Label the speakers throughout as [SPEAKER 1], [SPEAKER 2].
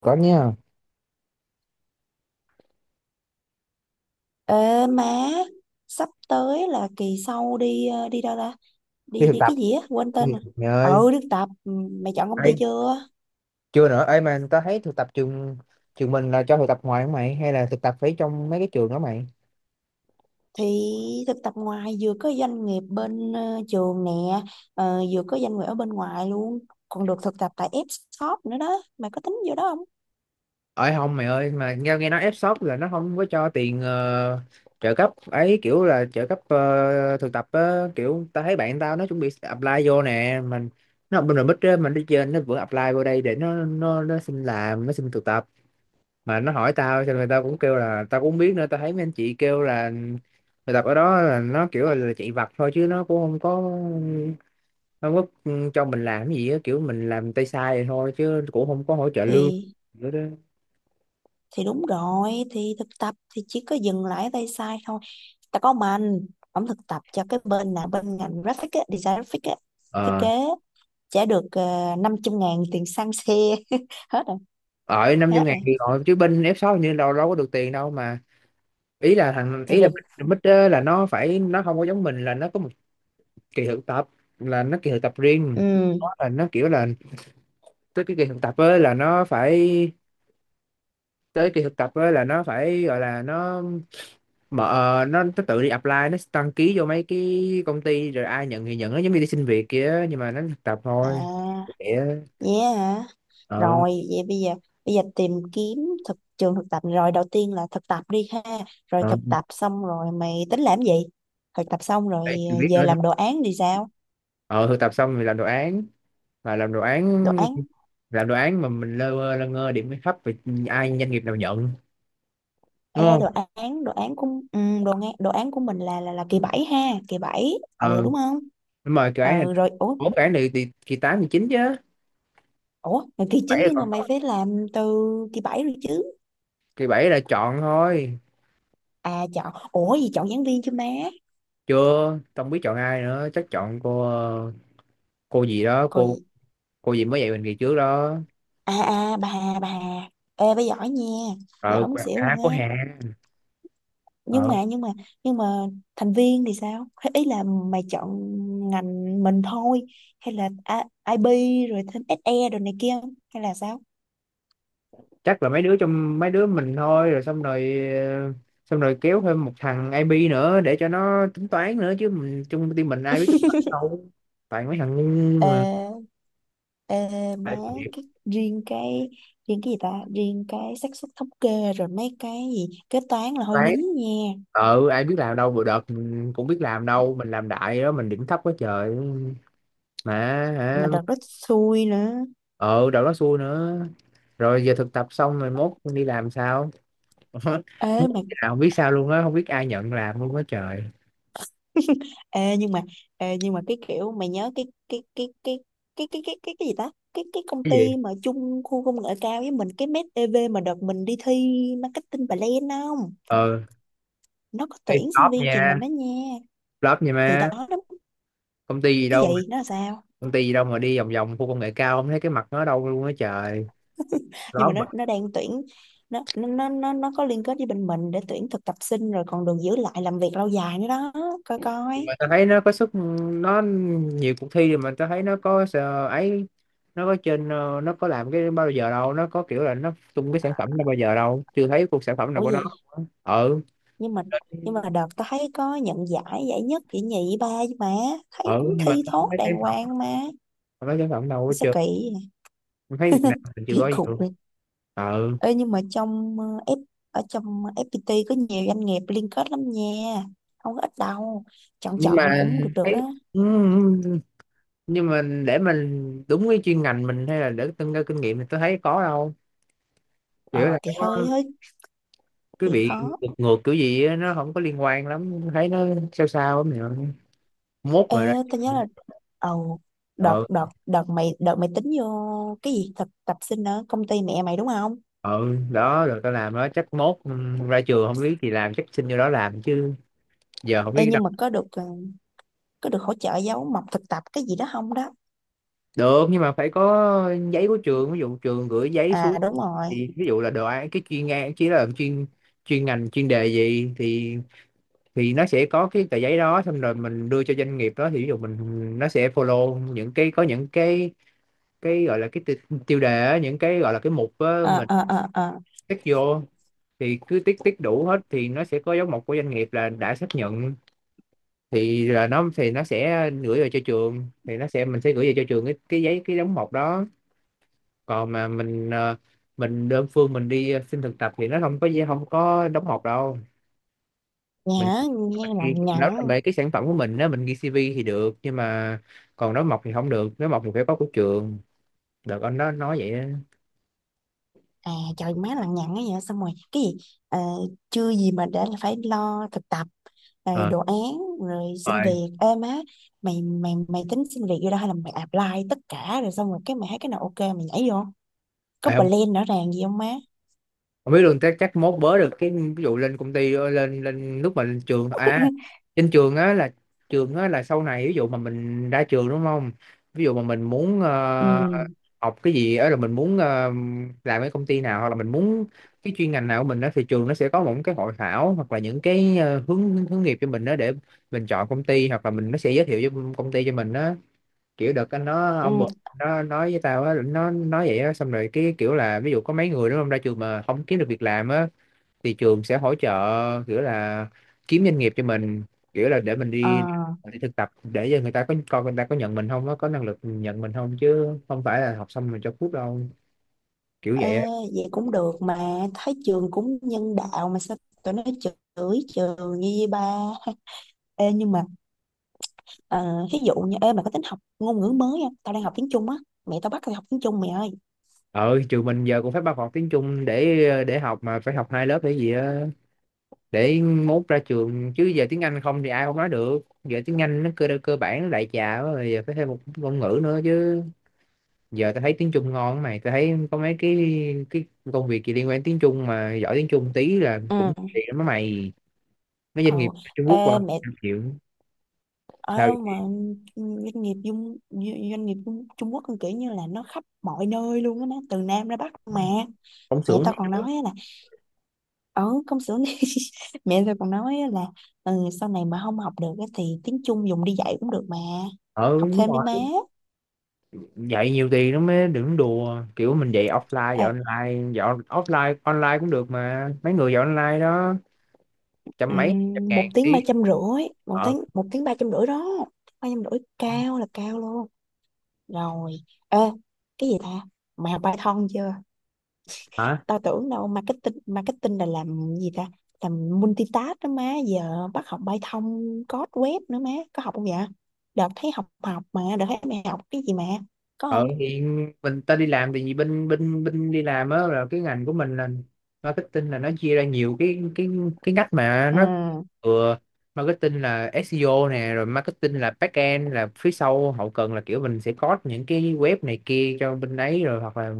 [SPEAKER 1] Có nha.
[SPEAKER 2] Ê má, sắp tới là kỳ sau đi đi đâu ta?
[SPEAKER 1] Đi
[SPEAKER 2] Đi
[SPEAKER 1] thực
[SPEAKER 2] đi
[SPEAKER 1] tập,
[SPEAKER 2] cái gì á, quên
[SPEAKER 1] đi
[SPEAKER 2] tên
[SPEAKER 1] thực
[SPEAKER 2] rồi.
[SPEAKER 1] tập mày ơi.
[SPEAKER 2] Ừ, đi thực tập. Ừ, mày chọn công ty
[SPEAKER 1] Ấy
[SPEAKER 2] chưa?
[SPEAKER 1] chưa nữa ấy, mà tao thấy thực tập trường trường mình là cho thực tập ngoài không mày, hay là thực tập phải trong mấy cái trường đó mày?
[SPEAKER 2] Thì thực tập ngoài vừa có doanh nghiệp bên trường nè, ờ, vừa có doanh nghiệp ở bên ngoài luôn, còn được thực tập tại F-shop nữa đó. Mày có tính vô đó không?
[SPEAKER 1] Ấy không mày ơi, mà nghe nghe nói F-shop là nó không có cho tiền, trợ cấp ấy, kiểu là trợ cấp thực tập á, kiểu tao thấy bạn tao nó chuẩn bị apply vô nè. Mình nó học bên rồi bích á, mình đi trên nó vẫn apply vô đây để nó xin làm, nó xin thực tập. Mà nó hỏi tao cho nên tao cũng kêu là tao cũng không biết nữa. Tao thấy mấy anh chị kêu là bài tập ở đó là nó kiểu là chạy vặt thôi, chứ nó cũng không có cho mình làm cái gì á, kiểu mình làm tay sai vậy thôi, chứ cũng không có hỗ trợ lương
[SPEAKER 2] Thì
[SPEAKER 1] nữa đó.
[SPEAKER 2] thì đúng rồi, thì thực tập thì chỉ có dừng lại ở tay sai thôi. Tao có ông anh, ông thực tập cho cái bên là bên ngành graphic á, design graphic á, thiết
[SPEAKER 1] ờ
[SPEAKER 2] kế trả được 500 ngàn tiền xăng xe hết rồi,
[SPEAKER 1] Ở 500
[SPEAKER 2] hết
[SPEAKER 1] ngàn
[SPEAKER 2] rồi,
[SPEAKER 1] thì rồi, chứ bên F6 hình như đâu đâu có được tiền đâu mà. Ý là thằng,
[SPEAKER 2] thì
[SPEAKER 1] ý là
[SPEAKER 2] được.
[SPEAKER 1] Big Big á, là nó phải, nó không có giống mình, là nó có một kỳ thực tập, là nó kỳ thực tập riêng.
[SPEAKER 2] Ừ,
[SPEAKER 1] Nó là nó kiểu là tới cái kỳ thực tập ấy là nó phải, tới kỳ thực tập á là nó phải, gọi là nó mở nó tự đi apply, nó đăng ký vô mấy cái công ty rồi ai nhận thì nhận, nó giống như đi xin việc kia nhưng mà nó thực tập thôi.
[SPEAKER 2] à,
[SPEAKER 1] Để.
[SPEAKER 2] yeah hả?
[SPEAKER 1] ờ
[SPEAKER 2] Rồi vậy bây giờ, bây giờ tìm kiếm thực trường thực tập rồi, đầu tiên là thực tập đi ha. Rồi
[SPEAKER 1] ờ
[SPEAKER 2] thực tập xong rồi mày tính làm gì? Thực tập xong rồi
[SPEAKER 1] Phải chưa biết
[SPEAKER 2] về
[SPEAKER 1] nữa thôi.
[SPEAKER 2] làm đồ án thì sao?
[SPEAKER 1] Ờ Thực tập xong thì làm đồ án. Mà làm đồ
[SPEAKER 2] Đồ
[SPEAKER 1] án,
[SPEAKER 2] án.
[SPEAKER 1] làm đồ án mà mình lơ mơ lơ ngơ điểm thấp thì ai doanh nghiệp nào nhận, đúng
[SPEAKER 2] Ê đồ
[SPEAKER 1] không?
[SPEAKER 2] án, đồ án của, ừ, đồ án, đồ án của mình là là kỳ 7 ha, kỳ bảy, ừ
[SPEAKER 1] ờ
[SPEAKER 2] đúng không?
[SPEAKER 1] Đúng rồi, cái án này,
[SPEAKER 2] Ừ rồi, ủa,
[SPEAKER 1] bốn cái án này thì kỳ tám kỳ chín chứ,
[SPEAKER 2] ủa là kỳ
[SPEAKER 1] bảy
[SPEAKER 2] 9 nhưng
[SPEAKER 1] là
[SPEAKER 2] mà mày
[SPEAKER 1] còn,
[SPEAKER 2] phải làm từ kỳ 7 rồi chứ.
[SPEAKER 1] kỳ bảy là chọn thôi.
[SPEAKER 2] À chọn, ủa gì, chọn giảng viên chứ má.
[SPEAKER 1] Chưa, không biết chọn ai nữa, chắc chọn cô, cô gì đó,
[SPEAKER 2] Còn
[SPEAKER 1] cô
[SPEAKER 2] gì?
[SPEAKER 1] cô gì mới dạy mình kỳ trước đó.
[SPEAKER 2] À à, bà Hà, bà Hà. Ê bà giỏi nha,
[SPEAKER 1] ờ
[SPEAKER 2] giỏi muốn xỉu
[SPEAKER 1] À,
[SPEAKER 2] luôn
[SPEAKER 1] cô
[SPEAKER 2] á.
[SPEAKER 1] Hà.
[SPEAKER 2] nhưng
[SPEAKER 1] ờ
[SPEAKER 2] mà nhưng mà nhưng mà thành viên thì sao? Hay ý là mày chọn ngành mình thôi, hay là I- IB rồi thêm SE rồi này kia không? Hay là sao?
[SPEAKER 1] Chắc là mấy đứa, trong mấy đứa mình thôi, rồi xong rồi, xong rồi kéo thêm một thằng IB nữa để cho nó tính toán nữa, chứ mình chung team mình ai biết tính toán đâu, toàn mấy thằng ngu
[SPEAKER 2] Ờ,
[SPEAKER 1] mà.
[SPEAKER 2] ờ, má,
[SPEAKER 1] Tại thiệt,
[SPEAKER 2] cái riêng cái riêng cái gì ta, riêng cái xác suất thống kê rồi mấy cái gì kế toán là hơi
[SPEAKER 1] toán
[SPEAKER 2] nín nha.
[SPEAKER 1] ai biết làm đâu, vừa đợt mình cũng biết làm đâu, mình làm đại đó mình điểm thấp quá trời mà.
[SPEAKER 2] Mà
[SPEAKER 1] Hả?
[SPEAKER 2] đợt đó xui nữa.
[SPEAKER 1] Ờ Đầu đó xui nữa. Rồi giờ thực tập xong rồi mốt đi làm sao? Ờ,
[SPEAKER 2] Ê
[SPEAKER 1] Muốn
[SPEAKER 2] mà
[SPEAKER 1] cái nào không biết sao luôn á, không biết ai nhận làm luôn á trời.
[SPEAKER 2] Ê, nhưng mà, ê, nhưng mà cái kiểu mày nhớ cái gì ta, cái công
[SPEAKER 1] Cái gì?
[SPEAKER 2] ty mà chung khu công nghệ cao với mình, cái Med EV mà đợt mình đi thi marketing bà Lên không?
[SPEAKER 1] ờ
[SPEAKER 2] Nó có
[SPEAKER 1] Hey,
[SPEAKER 2] tuyển sinh
[SPEAKER 1] top
[SPEAKER 2] viên trường
[SPEAKER 1] nha,
[SPEAKER 2] mình đó nha.
[SPEAKER 1] top nha
[SPEAKER 2] Thì đó
[SPEAKER 1] má.
[SPEAKER 2] đó.
[SPEAKER 1] Công ty gì
[SPEAKER 2] Cái
[SPEAKER 1] đâu mà,
[SPEAKER 2] gì nó là sao?
[SPEAKER 1] công ty gì đâu mà đi vòng vòng khu công nghệ cao không thấy cái mặt nó ở đâu luôn á trời,
[SPEAKER 2] Nhưng mà
[SPEAKER 1] đó
[SPEAKER 2] nó đang tuyển, nó có liên kết với bên mình để tuyển thực tập sinh rồi còn được giữ lại làm việc lâu dài nữa đó. Coi coi.
[SPEAKER 1] mà tao thấy nó có sức, nó nhiều cuộc thi, mà tao thấy nó có sợ ấy. Nó có trên nó có làm cái bao giờ đâu, nó có kiểu là nó tung cái sản phẩm nó bao giờ đâu, chưa thấy cuộc sản phẩm nào
[SPEAKER 2] Ủa
[SPEAKER 1] của nó.
[SPEAKER 2] gì,
[SPEAKER 1] Ừ.
[SPEAKER 2] nhưng mà nhưng mà đợt tao thấy có nhận giải, giải nhất giải nhì ba chứ mà, thấy
[SPEAKER 1] Ừ,
[SPEAKER 2] cũng
[SPEAKER 1] nhưng mà
[SPEAKER 2] thi
[SPEAKER 1] tao không
[SPEAKER 2] thốt
[SPEAKER 1] thấy
[SPEAKER 2] đàng
[SPEAKER 1] sản phẩm,
[SPEAKER 2] hoàng mà.
[SPEAKER 1] tao không thấy sản phẩm đâu hết
[SPEAKER 2] Sao
[SPEAKER 1] trơn.
[SPEAKER 2] kỳ vậy?
[SPEAKER 1] Tao thấy Việt Nam mình chưa
[SPEAKER 2] Kỳ
[SPEAKER 1] có gì
[SPEAKER 2] cục
[SPEAKER 1] luôn.
[SPEAKER 2] vậy.
[SPEAKER 1] Ừ,
[SPEAKER 2] Ê nhưng mà trong F, ở trong FPT có nhiều doanh nghiệp liên kết lắm nha, không có ít đâu. Chọn
[SPEAKER 1] nhưng
[SPEAKER 2] chọn
[SPEAKER 1] mà
[SPEAKER 2] cũng được được
[SPEAKER 1] thấy.
[SPEAKER 2] đó.
[SPEAKER 1] Ừ, ừ, nhưng mà để mình đúng cái chuyên ngành mình hay là để nâng cao kinh nghiệm thì tôi thấy có đâu, kiểu
[SPEAKER 2] Ờ
[SPEAKER 1] là có
[SPEAKER 2] thì hơi hơi
[SPEAKER 1] cái
[SPEAKER 2] thì
[SPEAKER 1] bị
[SPEAKER 2] khó.
[SPEAKER 1] ngược ngược kiểu gì á, nó không có liên quan lắm, thấy nó sao sao lắm nhỉ, mốt
[SPEAKER 2] Ê
[SPEAKER 1] mà ra.
[SPEAKER 2] tao nhớ là, ồ, đợt
[SPEAKER 1] ờ
[SPEAKER 2] đợt đợt mày tính vô cái gì thực tập sinh ở công ty mẹ mày đúng không?
[SPEAKER 1] ờ Đó rồi tao làm đó, chắc mốt, ra trường không biết thì làm, chắc xin vô đó làm chứ, giờ không
[SPEAKER 2] Ê
[SPEAKER 1] biết đâu.
[SPEAKER 2] nhưng mà có được có được hỗ trợ giáo mộc thực tập cái gì đó không đó?
[SPEAKER 1] Được, nhưng mà phải có giấy của trường. Ví dụ trường gửi giấy xuống
[SPEAKER 2] À đúng rồi.
[SPEAKER 1] thì ví dụ là đồ án cái chuyên ngành, chỉ là chuyên chuyên ngành chuyên đề gì thì nó sẽ có cái tờ giấy đó, xong rồi mình đưa cho doanh nghiệp đó, thì ví dụ mình nó sẽ follow những cái, có những cái gọi là cái tiêu đề á, những cái gọi là cái mục á,
[SPEAKER 2] ờ
[SPEAKER 1] mình
[SPEAKER 2] ờ ờ ờ
[SPEAKER 1] tick vô, thì cứ tick tick đủ hết thì nó sẽ có dấu mộc của doanh nghiệp là đã xác nhận, thì là nó, nó sẽ gửi về cho trường, thì nó sẽ mình sẽ gửi về cho trường cái giấy, cái dấu mộc đó. Còn mà mình mình đơn phương mình đi xin thực tập thì nó không có đóng mộc đâu. mình
[SPEAKER 2] Nhớ nghe
[SPEAKER 1] mình
[SPEAKER 2] lằng
[SPEAKER 1] ghi, nếu là
[SPEAKER 2] nhằng.
[SPEAKER 1] về cái sản phẩm của mình nếu mình ghi CV thì được, nhưng mà còn nói mộc thì không được, nói mộc thì phải có của trường. Đợt anh đó nói vậy á.
[SPEAKER 2] À trời má lằng nhằng ấy, vậy xong rồi cái gì? Ờ, chưa gì mà đã là phải lo thực tập rồi
[SPEAKER 1] ờ
[SPEAKER 2] đồ án rồi
[SPEAKER 1] Đúng
[SPEAKER 2] xin
[SPEAKER 1] rồi.
[SPEAKER 2] việc, ê má. Mày mày mày tính xin việc vô đó hay là mày apply tất cả rồi xong rồi cái mày thấy cái nào ok mày nhảy vô? Có
[SPEAKER 1] Ê,
[SPEAKER 2] plan rõ ràng gì không má?
[SPEAKER 1] không biết luôn, chắc chắc mốt bớ được cái, ví dụ lên công ty, lên lên lúc mà lên trường à, trên trường á là, trường á là sau này ví dụ mà mình ra trường đúng không, ví dụ mà mình muốn
[SPEAKER 2] Ừ,
[SPEAKER 1] học cái gì á là mình muốn làm cái công ty nào, hoặc là mình muốn cái chuyên ngành nào của mình đó, thì trường nó sẽ có một cái hội thảo hoặc là những cái hướng hướng nghiệp cho mình đó, để mình chọn công ty hoặc là mình, nó sẽ giới thiệu cho công ty cho mình đó. Kiểu đợt anh nó, ông bực
[SPEAKER 2] ừ,
[SPEAKER 1] nó nói với tao á, nó nói vậy á. Xong rồi cái kiểu là, ví dụ có mấy người đúng không, ra trường mà không kiếm được việc làm á thì trường sẽ hỗ trợ, kiểu là kiếm doanh nghiệp cho mình, kiểu là để mình
[SPEAKER 2] ờ.
[SPEAKER 1] đi đi thực tập, để cho người ta có coi, người ta có nhận mình không, nó có năng lực nhận mình không, chứ không phải là học xong rồi cho cút đâu. Kiểu
[SPEAKER 2] Ê,
[SPEAKER 1] vậy á.
[SPEAKER 2] vậy cũng được mà, thấy trường cũng nhân đạo mà sao tụi nó chửi trường như vậy ba. Ê, nhưng mà, ờ, ví dụ như, ê mày có tính học ngôn ngữ mới không? Tao đang học tiếng Trung á, mẹ tao bắt tao học tiếng Trung mày ơi.
[SPEAKER 1] Ờ Trường mình giờ cũng phải bắt học tiếng Trung để học, mà phải học hai lớp để gì á, để mốt ra trường, chứ giờ tiếng Anh không thì ai cũng nói được, giờ tiếng Anh nó cơ cơ bản nó đại trà quá rồi, giờ phải thêm một ngôn ngữ nữa chứ. Giờ tao thấy tiếng Trung ngon mày, tao thấy có mấy cái công việc gì liên quan tiếng Trung mà giỏi tiếng Trung tí là
[SPEAKER 2] Ừ,
[SPEAKER 1] cũng tiền lắm á mày. Mấy doanh
[SPEAKER 2] ờ,
[SPEAKER 1] nghiệp Trung Quốc qua
[SPEAKER 2] ê mẹ,
[SPEAKER 1] trăm triệu. Sao
[SPEAKER 2] ờ, mà
[SPEAKER 1] vậy?
[SPEAKER 2] doanh nghiệp dung, doanh doanh nghiệp Trung Trung Quốc cũng kiểu như là nó khắp mọi nơi luôn á, nó từ Nam ra Bắc mà.
[SPEAKER 1] Công
[SPEAKER 2] Mẹ
[SPEAKER 1] xưởng
[SPEAKER 2] tao
[SPEAKER 1] thấy
[SPEAKER 2] còn
[SPEAKER 1] chứ.
[SPEAKER 2] nói á là, ở công xưởng này mẹ tao còn nói á là, ừ, sau này mà không học được á thì tiếng Trung dùng đi dạy cũng được mà.
[SPEAKER 1] Ờ
[SPEAKER 2] Học
[SPEAKER 1] Đúng
[SPEAKER 2] thêm đi
[SPEAKER 1] rồi,
[SPEAKER 2] má.
[SPEAKER 1] dạy nhiều tiền nó mới, đừng đùa, kiểu mình dạy offline, dạy
[SPEAKER 2] À,
[SPEAKER 1] online, dạy offline online cũng được mà, mấy người dạy online đó trăm mấy trăm
[SPEAKER 2] một
[SPEAKER 1] ngàn
[SPEAKER 2] tiếng ba
[SPEAKER 1] tiếng.
[SPEAKER 2] trăm rưỡi, một
[SPEAKER 1] ờ
[SPEAKER 2] tiếng, một tiếng ba trăm rưỡi đó. Ba trăm rưỡi cao là cao luôn. Rồi, ê, cái gì ta? Mày học Python chưa?
[SPEAKER 1] Hả?
[SPEAKER 2] Tao tưởng đâu marketing, marketing là làm gì ta? Làm multitask đó má, giờ bắt học Python code web nữa má, có học không vậy? Đợt thấy học học mà, đợt thấy mày học cái gì mà, có
[SPEAKER 1] Ờ
[SPEAKER 2] không?
[SPEAKER 1] thì mình ta đi làm thì, vì bên bên bên đi làm á, là cái ngành của mình là marketing, là nó chia ra nhiều cái ngách mà
[SPEAKER 2] Ừ,
[SPEAKER 1] nó vừa, marketing là SEO nè, rồi marketing là back end, là phía sau hậu cần, là kiểu mình sẽ code những cái web này kia cho bên đấy, rồi hoặc là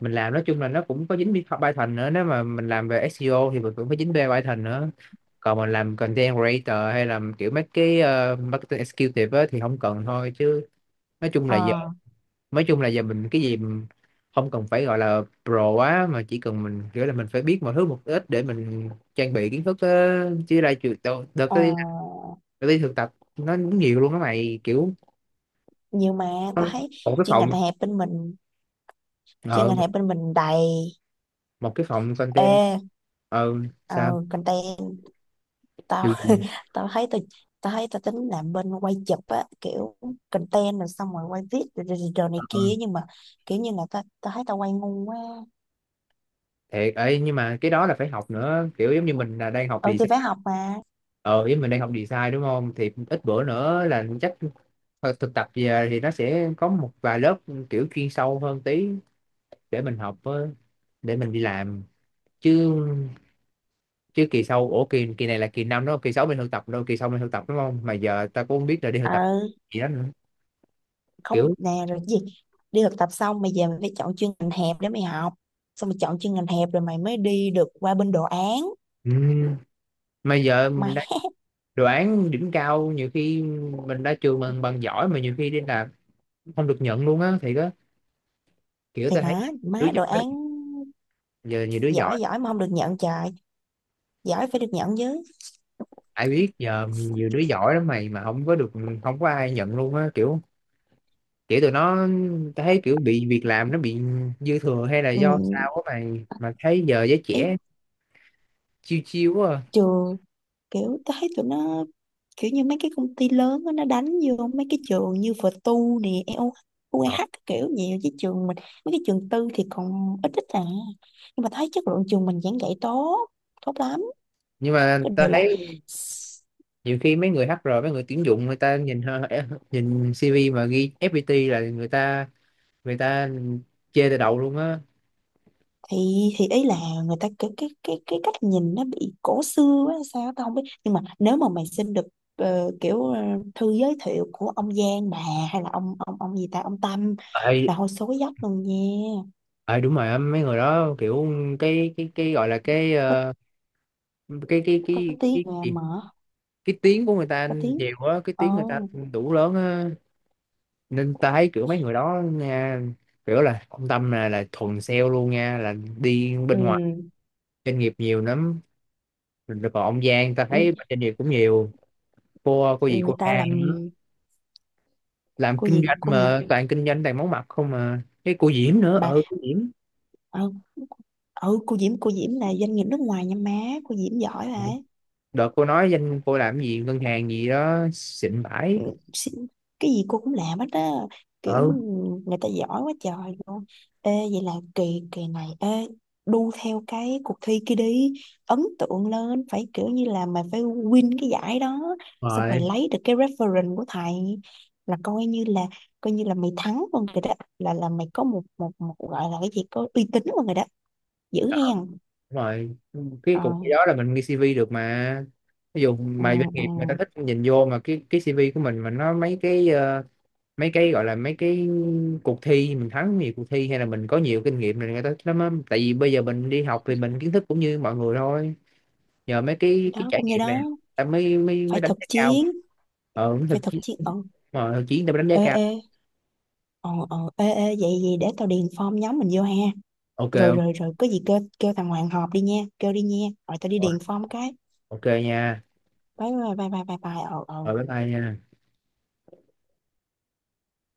[SPEAKER 1] mình làm, nói chung là nó cũng có dính Python nữa, nếu mà mình làm về SEO thì mình cũng có dính về Python nữa. Còn mình làm content creator hay làm kiểu mấy cái marketing executive á, thì không cần thôi chứ. Nói chung là giờ,
[SPEAKER 2] ờ,
[SPEAKER 1] nói chung là giờ mình cái gì mình không cần phải gọi là pro quá, mà chỉ cần mình kiểu là mình phải biết mọi thứ một ít để mình trang bị kiến thức á. Chứ ra trường đợt, đợt
[SPEAKER 2] ờ,
[SPEAKER 1] tới, đợt đi thực tập nó cũng nhiều luôn á mày, kiểu
[SPEAKER 2] nhiều mà,
[SPEAKER 1] nó-
[SPEAKER 2] tao thấy
[SPEAKER 1] một cái
[SPEAKER 2] chuyên
[SPEAKER 1] phòng,
[SPEAKER 2] ngành hẹp bên mình, chuyên
[SPEAKER 1] ờ,
[SPEAKER 2] ngành hẹp bên mình đầy,
[SPEAKER 1] một cái phòng content.
[SPEAKER 2] ê,
[SPEAKER 1] ờ Sao?
[SPEAKER 2] ờ, content, tao
[SPEAKER 1] Điều gì?
[SPEAKER 2] tao thấy tao tao thấy tao tính làm bên quay chụp á, kiểu content rồi xong rồi quay viết rồi, rồi, rồi này
[SPEAKER 1] ờ,
[SPEAKER 2] kia, nhưng mà kiểu như là tao tao thấy tao quay ngu quá.
[SPEAKER 1] Thiệt ấy, nhưng mà cái đó là phải học nữa, kiểu giống như mình là đang học
[SPEAKER 2] Ừ thì
[SPEAKER 1] design.
[SPEAKER 2] phải học mà.
[SPEAKER 1] Ờ với mình đang học design đúng không, thì ít bữa nữa là chắc, thực tập về thì nó sẽ có một vài lớp kiểu chuyên sâu hơn tí để mình học với, để mình đi làm, chứ chứ kỳ sau ủa kỳ kỳ này là kỳ năm đó, kỳ sáu mình thực tập đâu, kỳ sau mình thực tập đúng không, mà giờ ta cũng không biết là đi thực tập
[SPEAKER 2] Ờ,
[SPEAKER 1] gì đó nữa.
[SPEAKER 2] không
[SPEAKER 1] Kiểu
[SPEAKER 2] nè, rồi cái gì, đi thực tập xong mày về mày phải chọn chuyên ngành hẹp để mày học, xong mày chọn chuyên ngành hẹp rồi mày mới đi được qua bên đồ án.
[SPEAKER 1] ừ, mà giờ mình
[SPEAKER 2] Má
[SPEAKER 1] đã đoán đỉnh cao, nhiều khi mình ra trường mình bằng giỏi mà nhiều khi đi làm không được nhận luôn á, thì có kiểu
[SPEAKER 2] thì
[SPEAKER 1] ta thấy
[SPEAKER 2] hả
[SPEAKER 1] đứa
[SPEAKER 2] má,
[SPEAKER 1] giỏi
[SPEAKER 2] đồ
[SPEAKER 1] lắm.
[SPEAKER 2] án.
[SPEAKER 1] Giờ nhiều đứa giỏi,
[SPEAKER 2] Giỏi giỏi mà không được nhận trời, giỏi phải được nhận chứ.
[SPEAKER 1] ai biết, giờ nhiều đứa giỏi lắm mày, mà không có được, không có ai nhận luôn á, kiểu kiểu tụi nó thấy kiểu bị việc làm nó bị dư thừa hay là
[SPEAKER 2] Ừ,
[SPEAKER 1] do sao á mày, mà thấy giờ giới
[SPEAKER 2] ý,
[SPEAKER 1] trẻ chiêu chiêu quá à.
[SPEAKER 2] trường, kiểu tôi thấy tụi nó, kiểu như mấy cái công ty lớn á, nó đánh vô mấy cái trường như VTU nè, EO,
[SPEAKER 1] Ờ.
[SPEAKER 2] UEH các kiểu nhiều, chứ trường mình mấy cái trường tư thì còn ít ít à. Nhưng mà thấy chất lượng trường mình giảng dạy tốt, tốt lắm.
[SPEAKER 1] Nhưng mà
[SPEAKER 2] Cái
[SPEAKER 1] tao
[SPEAKER 2] điều là,
[SPEAKER 1] thấy
[SPEAKER 2] s-,
[SPEAKER 1] nhiều khi mấy người HR, mấy người tuyển dụng người ta nhìn nhìn CV mà ghi FPT là người ta, người ta chê từ đầu luôn á.
[SPEAKER 2] thì thì ý là, người ta cái cách nhìn nó bị cổ xưa á hay sao á, tao không biết. Nhưng mà nếu mà mày xin được kiểu thư giới thiệu của ông Giang, bà, hay là ông gì ta, ông Tâm,
[SPEAKER 1] ờ
[SPEAKER 2] là hồi số dốc luôn nha.
[SPEAKER 1] ờ Đúng rồi á, mấy người đó kiểu cái gọi là cái, cái cái
[SPEAKER 2] Có
[SPEAKER 1] cái
[SPEAKER 2] tiếng
[SPEAKER 1] cái
[SPEAKER 2] mà
[SPEAKER 1] cái,
[SPEAKER 2] mở,
[SPEAKER 1] cái tiếng của người ta
[SPEAKER 2] có tiếng,
[SPEAKER 1] nhiều quá, cái tiếng người ta
[SPEAKER 2] ồ.
[SPEAKER 1] đủ lớn á, nên ta thấy kiểu mấy người đó nha, kiểu là ông Tâm là thuần sale luôn nha, là đi
[SPEAKER 2] Ừ.
[SPEAKER 1] bên ngoài doanh nghiệp nhiều lắm. Rồi còn ông Giang ta
[SPEAKER 2] Ừ,
[SPEAKER 1] thấy bên doanh nghiệp cũng nhiều. Cô gì,
[SPEAKER 2] người
[SPEAKER 1] cô
[SPEAKER 2] ta
[SPEAKER 1] Khang
[SPEAKER 2] làm,
[SPEAKER 1] làm
[SPEAKER 2] cô
[SPEAKER 1] kinh
[SPEAKER 2] gì
[SPEAKER 1] doanh
[SPEAKER 2] cô gì,
[SPEAKER 1] mà toàn kinh doanh toàn món mặt không. Mà cái cô Diễm nữa,
[SPEAKER 2] bà,
[SPEAKER 1] ừ cô Diễm,
[SPEAKER 2] ừ, ừ cô Diễm, cô Diễm là doanh nghiệp nước ngoài nha má. Cô Diễm giỏi mà.
[SPEAKER 1] đợt cô nói danh cô làm gì ngân hàng gì đó xịn bãi.
[SPEAKER 2] Xí-, cái gì cô cũng làm hết á, kiểu
[SPEAKER 1] Ừ.
[SPEAKER 2] người ta giỏi quá trời luôn. Ê vậy là kỳ kỳ này, ê đu theo cái cuộc thi kia đi, ấn tượng lên, phải kiểu như là mày phải win cái giải đó, xong mày
[SPEAKER 1] Rồi.
[SPEAKER 2] lấy được cái reference của thầy là coi như là, coi như là mày thắng luôn rồi đó, là mày có một một một gọi là cái gì, có uy tín luôn rồi đó. Giữ
[SPEAKER 1] Ờ,
[SPEAKER 2] hen.
[SPEAKER 1] đúng rồi, cái
[SPEAKER 2] Ờ,
[SPEAKER 1] cục cái đó là mình ghi CV được mà. Ví dụ
[SPEAKER 2] ừ,
[SPEAKER 1] mà doanh
[SPEAKER 2] ừ.
[SPEAKER 1] nghiệp người ta thích nhìn vô mà cái CV của mình mà nó mấy cái, mấy cái gọi là mấy cái cuộc thi mình thắng nhiều cuộc thi hay là mình có nhiều kinh nghiệm này người ta lắm á. Tại vì bây giờ mình đi học thì mình kiến thức cũng như mọi người thôi, nhờ mấy
[SPEAKER 2] Thì
[SPEAKER 1] cái
[SPEAKER 2] đó
[SPEAKER 1] trải
[SPEAKER 2] cũng như
[SPEAKER 1] nghiệm này
[SPEAKER 2] đó,
[SPEAKER 1] ta mới mới mới
[SPEAKER 2] phải
[SPEAKER 1] đánh
[SPEAKER 2] thực
[SPEAKER 1] giá cao.
[SPEAKER 2] chiến,
[SPEAKER 1] Đúng thực
[SPEAKER 2] phải thực
[SPEAKER 1] chiến,
[SPEAKER 2] chiến, ừ.
[SPEAKER 1] mà thực chiến ta mới đánh giá
[SPEAKER 2] Ê
[SPEAKER 1] cao.
[SPEAKER 2] ê, ờ ờ, ê ê, vậy vậy để tao điền form nhóm mình vô ha.
[SPEAKER 1] Ok
[SPEAKER 2] Rồi
[SPEAKER 1] không?
[SPEAKER 2] rồi rồi, có gì kêu kêu thằng Hoàng họp đi nha, kêu đi nha, rồi tao đi
[SPEAKER 1] Rồi,
[SPEAKER 2] điền form cái.
[SPEAKER 1] ok nha,
[SPEAKER 2] Bye bye bye bye bye bye, ờ ờ.
[SPEAKER 1] rồi bye bye nha.